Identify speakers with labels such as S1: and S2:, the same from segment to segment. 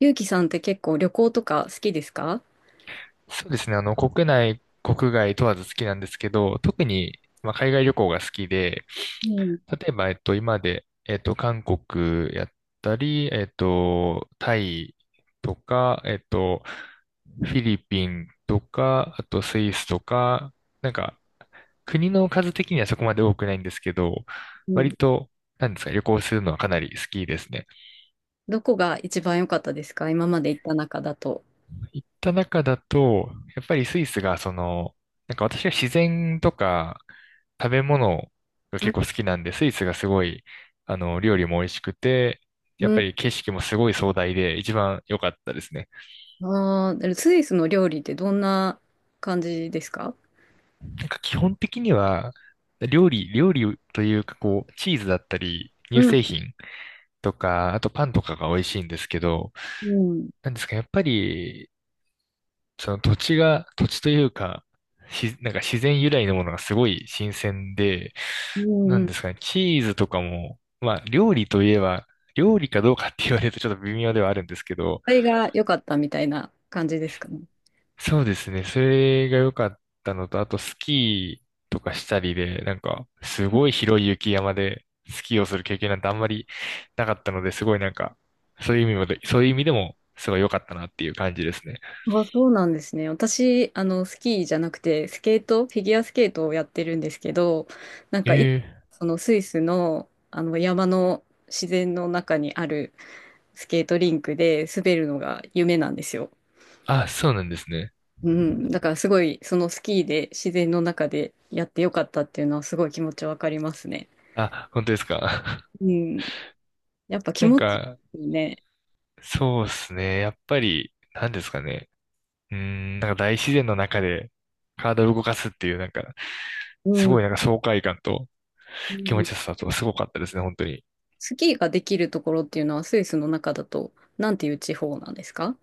S1: ゆうきさんって結構旅行とか好きですか？
S2: そうですね。国内、国外問わず好きなんですけど、特に、まあ、海外旅行が好きで、
S1: うん、
S2: 例えば、今まで、韓国やったり、タイとか、フィリピンとか、あとスイスとか、なんか、国の数的にはそこまで多くないんですけど、
S1: う
S2: 割
S1: ん。
S2: と、なんですか、旅行するのはかなり好きですね。
S1: どこが一番良かったですか、今まで行った中だと。
S2: 行った中だと、やっぱりスイスがなんか私は自然とか食べ物が
S1: う
S2: 結
S1: ん、
S2: 構好きなんで、スイスがすごい、料理も美味しくて、やっ
S1: う
S2: ぱ
S1: ん。
S2: り景色もすごい壮大で一番良かったですね。
S1: ああ、スイスの料理ってどんな感じですか？
S2: なんか基本的には、料理、料理というかこう、チーズだったり、
S1: う
S2: 乳
S1: ん、
S2: 製品とか、あとパンとかが美味しいんですけど、
S1: うん。
S2: なんですか、やっぱりその土地が、土地というか、なんか自然由来のものがすごい新鮮で、
S1: うん、
S2: な
S1: う
S2: ん
S1: ん。こ
S2: ですかね、チーズとかも、まあ料理といえば、料理かどうかって言われると ちょっと微妙ではあるんですけど、
S1: れが良かったみたいな感じですかね。
S2: そうですね、それが良かったのと、あとスキーとかしたりで、なんかすごい広い雪山でスキーをする経験なんてあんまりなかったので、すごいなんか、そういう意味もで、そういう意味でもすごい良かったなっていう感じですね。
S1: あ、そうなんですね。私、あの、スキーじゃなくて、スケート、フィギュアスケートをやってるんですけど、なんかい、
S2: ええ。
S1: そのスイスの、あの山の自然の中にあるスケートリンクで滑るのが夢なんですよ。
S2: あ、そうなんですね。
S1: うん。だからすごい、そのスキーで自然の中でやってよかったっていうのはすごい気持ちわかりますね。
S2: あ、本当ですか。
S1: うん。やっぱ気
S2: なん
S1: 持ちい
S2: か、
S1: いよね。
S2: そうですね。やっぱり、なんですかね。なんか大自然の中で体を動かすっていう、なんか、
S1: う
S2: すご
S1: ん。
S2: いなんか爽快感と
S1: う
S2: 気持
S1: ん。
S2: ちよさとすごかったですね、本当に。
S1: スキーができるところっていうのはスイスの中だと、なんていう地方なんですか？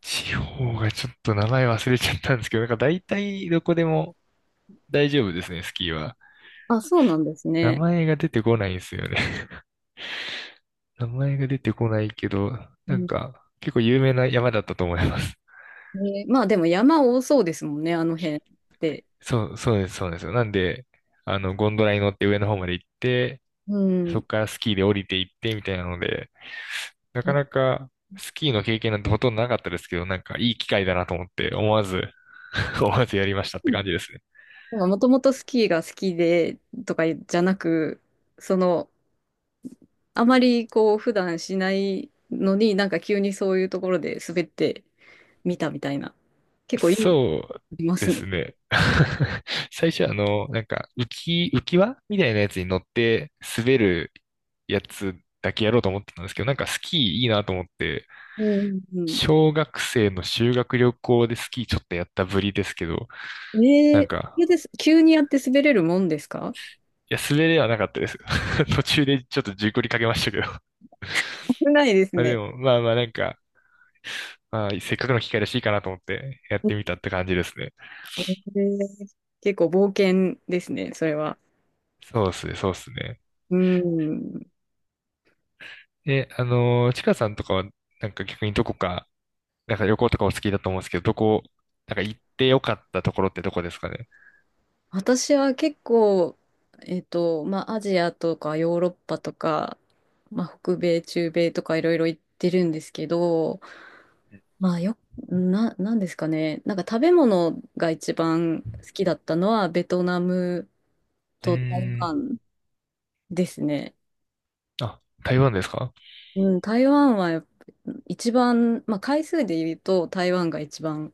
S2: 地方がちょっと名前忘れちゃったんですけど、なんか大体どこでも大丈夫ですね、スキーは。
S1: あ、そうなんです
S2: 名
S1: ね。
S2: 前が出てこないんですよね。名前が出てこないけど、
S1: う
S2: なん
S1: ん。
S2: か、結構有名な山だったと思います。
S1: まあでも山多そうですもんね、あの辺って。
S2: そう、そうです、そうですよ。なんで、ゴンドラに乗って上の方まで行って、
S1: う
S2: そ
S1: ん。
S2: こからスキーで降りていってみたいなので、なかなかスキーの経験なんてほとんどなかったですけど、なんかいい機会だなと思って思わず 思わずやりましたって感じですね。
S1: もともとスキーが好きでとかじゃなく、そのあまりこう普段しないのになんか急にそういうところで滑ってみたみたいな。結構いい、
S2: そう
S1: ありま
S2: で
S1: すね。
S2: すね。最初はなんか浮き輪みたいなやつに乗って滑るやつだけやろうと思ってたんですけど、なんかスキーいいなと思って、
S1: うんうん
S2: 小学生の修学旅行でスキーちょっとやったぶりですけど、
S1: うん。
S2: なん
S1: そ
S2: か、
S1: れです。急にやって滑れるもんですか？
S2: いや、滑れはなかったです。途中でちょっと事故りかけましたけど。
S1: 危ないです
S2: まあで
S1: ね。
S2: も、まあまあなんか、まあ、せっかくの機会らしいかなと思ってやってみたって感じですね。
S1: えー結構冒険ですね、それは。
S2: そうっすね、そうっすね。
S1: うん。
S2: え、ちかさんとかは、なんか逆にどこか、なんか旅行とかお好きだと思うんですけど、なんか行ってよかったところってどこですかね。
S1: 私は結構、まあ、アジアとかヨーロッパとか、まあ、北米、中米とかいろいろ行ってるんですけど、まあよ、なんですかね。なんか食べ物が一番好きだったのはベトナム
S2: う
S1: と台
S2: ーん。
S1: 湾ですね。
S2: あ、台湾ですか？
S1: うん、台湾はやっぱ一番、まあ回数で言うと台湾が一番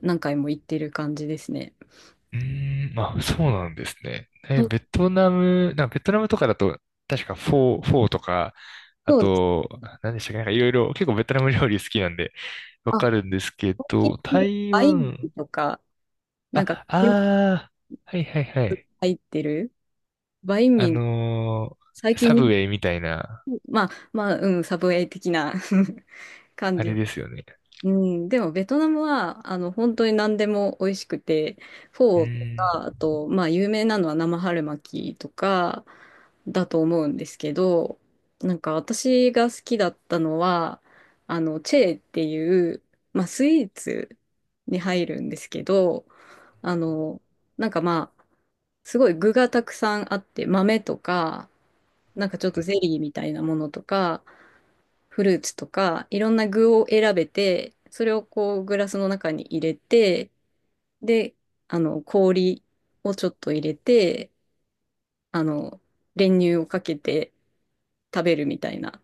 S1: 何回も行ってる感じですね。
S2: うーん、まあ、そうなんですね。え、
S1: そう
S2: ベトナム、なんかベトナムとかだと、確かフォーとか、あ
S1: そうです。
S2: と、何でしたっけ、なんかいろいろ、結構ベトナム料理好きなんで、わ
S1: あ、
S2: かるんですけ
S1: 最
S2: ど、
S1: 近
S2: 台
S1: バインミー
S2: 湾、
S1: とか、なんか
S2: あ、
S1: 入
S2: あー、はいはいはい。
S1: ってるバイン
S2: あ
S1: ミー、
S2: の
S1: 最
S2: サブウ
S1: 近、
S2: ェイみたいな、
S1: まあまあ、うん、サブウェイ的な 感
S2: あ
S1: じ。
S2: れですよね。
S1: うん、でもベトナムはあの本当に何でも美味しくて、
S2: うー
S1: フォーと
S2: ん、
S1: か、あと、まあ、有名なのは生春巻きとかだと思うんですけど、なんか私が好きだったのは、あのチェーっていう、まあ、スイーツに入るんですけど、あの、なんかまあ、すごい具がたくさんあって、豆とか、なんかちょっとゼリーみたいなものとか、フルーツとか、いろんな具を選べて、それをこうグラスの中に入れて、で、あの、氷をちょっと入れて、あの、練乳をかけて食べるみたいな、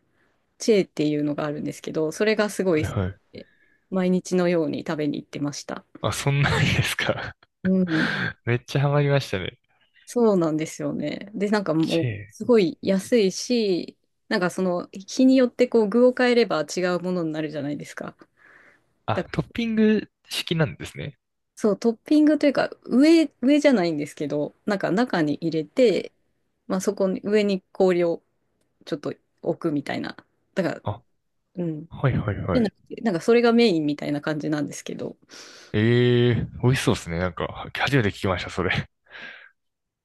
S1: チェーっていうのがあるんですけど、それがすご
S2: は
S1: い
S2: い
S1: 好き
S2: はい。
S1: で、毎日のように食べに行ってました。
S2: あ、そんなんですか。
S1: うん、
S2: めっちゃハマりましたね。
S1: そうなんですよね。で、なんか
S2: チ
S1: も
S2: ェ
S1: う、
S2: ー。
S1: すごい安いし、なんかその、日によってこう具を変えれば違うものになるじゃないですか。
S2: あ、
S1: だ
S2: トッピング式なんですね。
S1: そう、トッピングというか、上じゃないんですけど、なんか中に入れて、まあそこに、上に氷をちょっと置くみたいな。だから、
S2: あ、
S1: うん。
S2: はいはいは
S1: じゃ
S2: い。
S1: なくて、なんかそれがメインみたいな感じなんですけど、
S2: ええ。美味しそうですね。なんか、初めて聞きました、それ。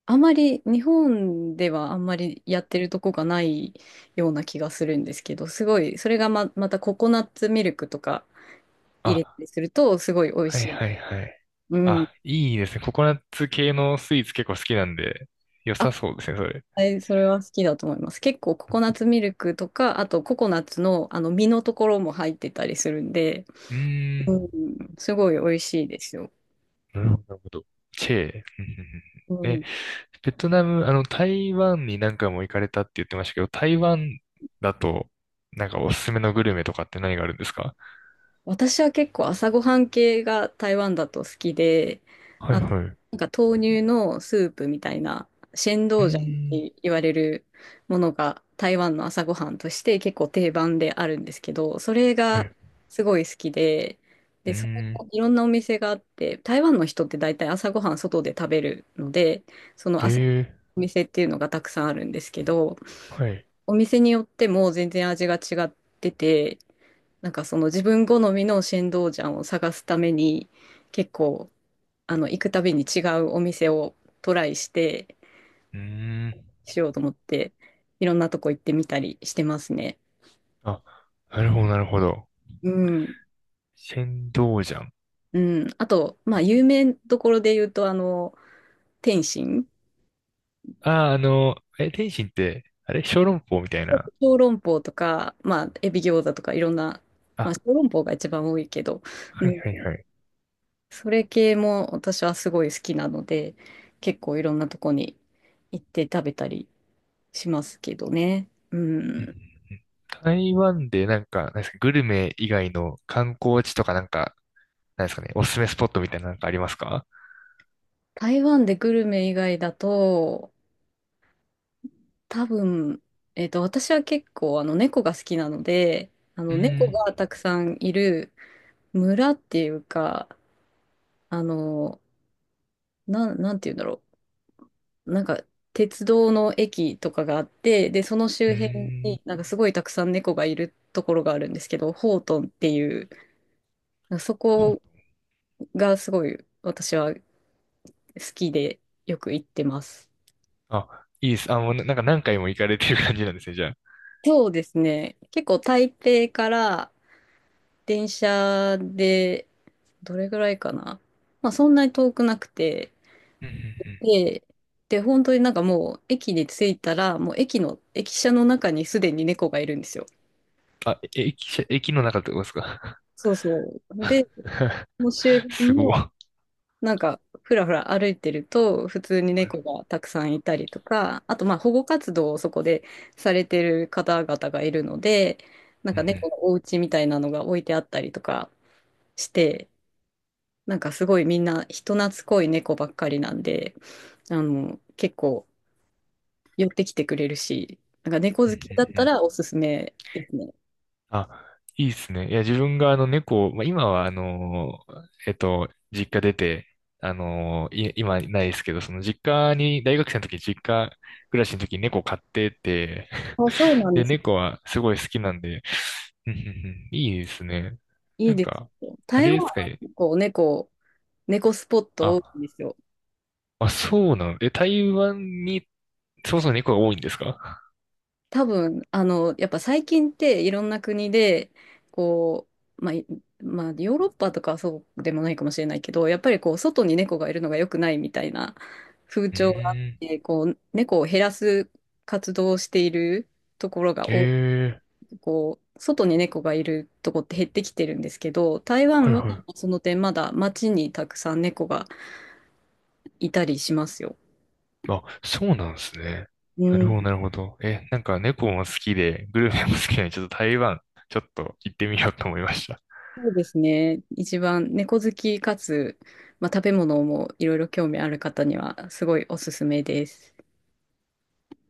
S1: あまり、日本ではあんまりやってるとこがないような気がするんですけど、すごい、それがまたココナッツミルクとか入れた
S2: あ、
S1: りすると、すごい美味
S2: はい
S1: しい。
S2: はいはい。
S1: うん。
S2: あ、いいですね。ココナッツ系のスイーツ結構好きなんで、良さそうですね、それ。
S1: はい、それは好きだと思います。結構ココナッツミルクとか、あとココナッツのあの実のところも入ってたりするんで、
S2: うー
S1: うん、
S2: ん。
S1: すごい美味しいですよ。
S2: なるほど、なるほど。チェー。うんうんうん。
S1: う
S2: え、
S1: ん。
S2: ベトナム、あの、台湾に何回も行かれたって言ってましたけど、台湾だと、なんかおすすめのグルメとかって何があるんですか？
S1: 私は結構朝ごはん系が台湾だと好きで、
S2: は
S1: あ
S2: い
S1: の、
S2: はい。う
S1: なんか豆乳のスープみたいな、シェンド
S2: ー
S1: ウジャンっ
S2: ん。
S1: て言われるものが台湾の朝ごはんとして結構定番であるんですけど、それ
S2: は
S1: が
S2: い。
S1: すごい好きで、
S2: う
S1: で、
S2: ー
S1: そこも
S2: ん。
S1: いろんなお店があって、台湾の人って大体朝ごはん外で食べるので、その朝
S2: ええ、
S1: お店っていうのがたくさんあるんですけど、
S2: はい。
S1: お店によっても全然味が違ってて、なんかその自分好みの新道ジャンを探すために結構あの行くたびに違うお店をトライして
S2: うーん。
S1: しようと思っていろんなとこ行ってみたりしてますね。
S2: あ、なるほど、なるほど。
S1: うん。
S2: 仙道ジャン。
S1: うん。あと、まあ有名どころで言うとあの天津、
S2: ああ、え、天津って、あれ小籠包みたいな。
S1: 小籠包とか、まあエビ餃子とかいろんな、まあ
S2: あ、
S1: 小籠包が一番多いけど、
S2: は
S1: う
S2: い
S1: ん。
S2: はいはい。
S1: それ系も私はすごい好きなので結構いろんなとこに行って食べたりしますけどね。う
S2: うんうん
S1: ん。
S2: うん。台湾でなんか、なんですか、グルメ以外の観光地とかなんか、なんですかね、おすすめスポットみたいななんかありますか？
S1: 台湾でグルメ以外だと、多分、私は結構あの猫が好きなので、あ
S2: う
S1: の
S2: ー
S1: 猫
S2: ん、
S1: がたくさんいる村っていうか、あの、なんて言うんだろう。なんか、鉄道の駅とかがあって、で、その
S2: う
S1: 周辺
S2: ー
S1: に
S2: ん、
S1: なんかすごいたくさん猫がいるところがあるんですけど、ホートンっていう、そ
S2: ほ、
S1: こがすごい私は好きでよく行ってます。
S2: あ、いいです。あ、もうななんか何回も行かれてる感じなんですね、じゃあ。
S1: そうですね。結構台北から電車でどれぐらいかな。まあそんなに遠くなくて。
S2: うんうんうん。
S1: で、で、本当になんかもう駅に着いたら、もう駅舎の中にすでに猫がいるんですよ。
S2: あ、え、駅舎、駅の中ってことですか？
S1: そうそう。で、もう周辺
S2: すご
S1: も
S2: い。
S1: なんかふらふら歩いてると普通に猫がたくさんいたりとか、あとまあ保護活動をそこでされてる方々がいるので、なん
S2: うんう
S1: か
S2: ん
S1: 猫のお家みたいなのが置いてあったりとかして、なんかすごいみんな人懐っこい猫ばっかりなんで、あの、結構寄ってきてくれるし、なんか猫
S2: うん
S1: 好きだっ
S2: うん
S1: た
S2: うん。
S1: らおすすめですね。
S2: あ、いいですね。いや、自分があの猫を、まあ、今は実家出て、今ないですけど、その実家に、大学生の時、実家暮らしの時に猫飼ってて、
S1: そうそう なんで
S2: で、
S1: す。
S2: 猫はすごい好きなんで、うんうんうん。いいですね。
S1: いい
S2: なん
S1: です
S2: か、
S1: よ。
S2: あ
S1: 台
S2: れ
S1: 湾
S2: ですか
S1: は
S2: ね。
S1: 結構猫スポット
S2: あ、
S1: 多いんですよ。
S2: あ、そうなの。え、台湾に、そもそも猫が多いんですか？
S1: 多分、あの、やっぱ最近っていろんな国で、こう、まあ、まあ、ヨーロッパとかはそうでもないかもしれないけど、やっぱりこう、外に猫がいるのが良くないみたいな風
S2: う
S1: 潮があっ
S2: ーん。
S1: て、こう、猫を減らす活動をしているところが多く、
S2: ええ、
S1: こう、外に猫がいるとこって減ってきてるんですけど、台
S2: は
S1: 湾
S2: い
S1: は
S2: はい。
S1: その点まだ街にたくさん猫がいたりしますよ。
S2: あ、そうなんですね。
S1: う
S2: なる
S1: ん。
S2: ほど、なるほど。え、なんか猫も好きで、グルメも好きなので、ちょっと台湾、ちょっと行ってみようと思いました。
S1: そうですね。一番猫好きかつ、まあ、食べ物もいろいろ興味ある方にはすごいおすすめです。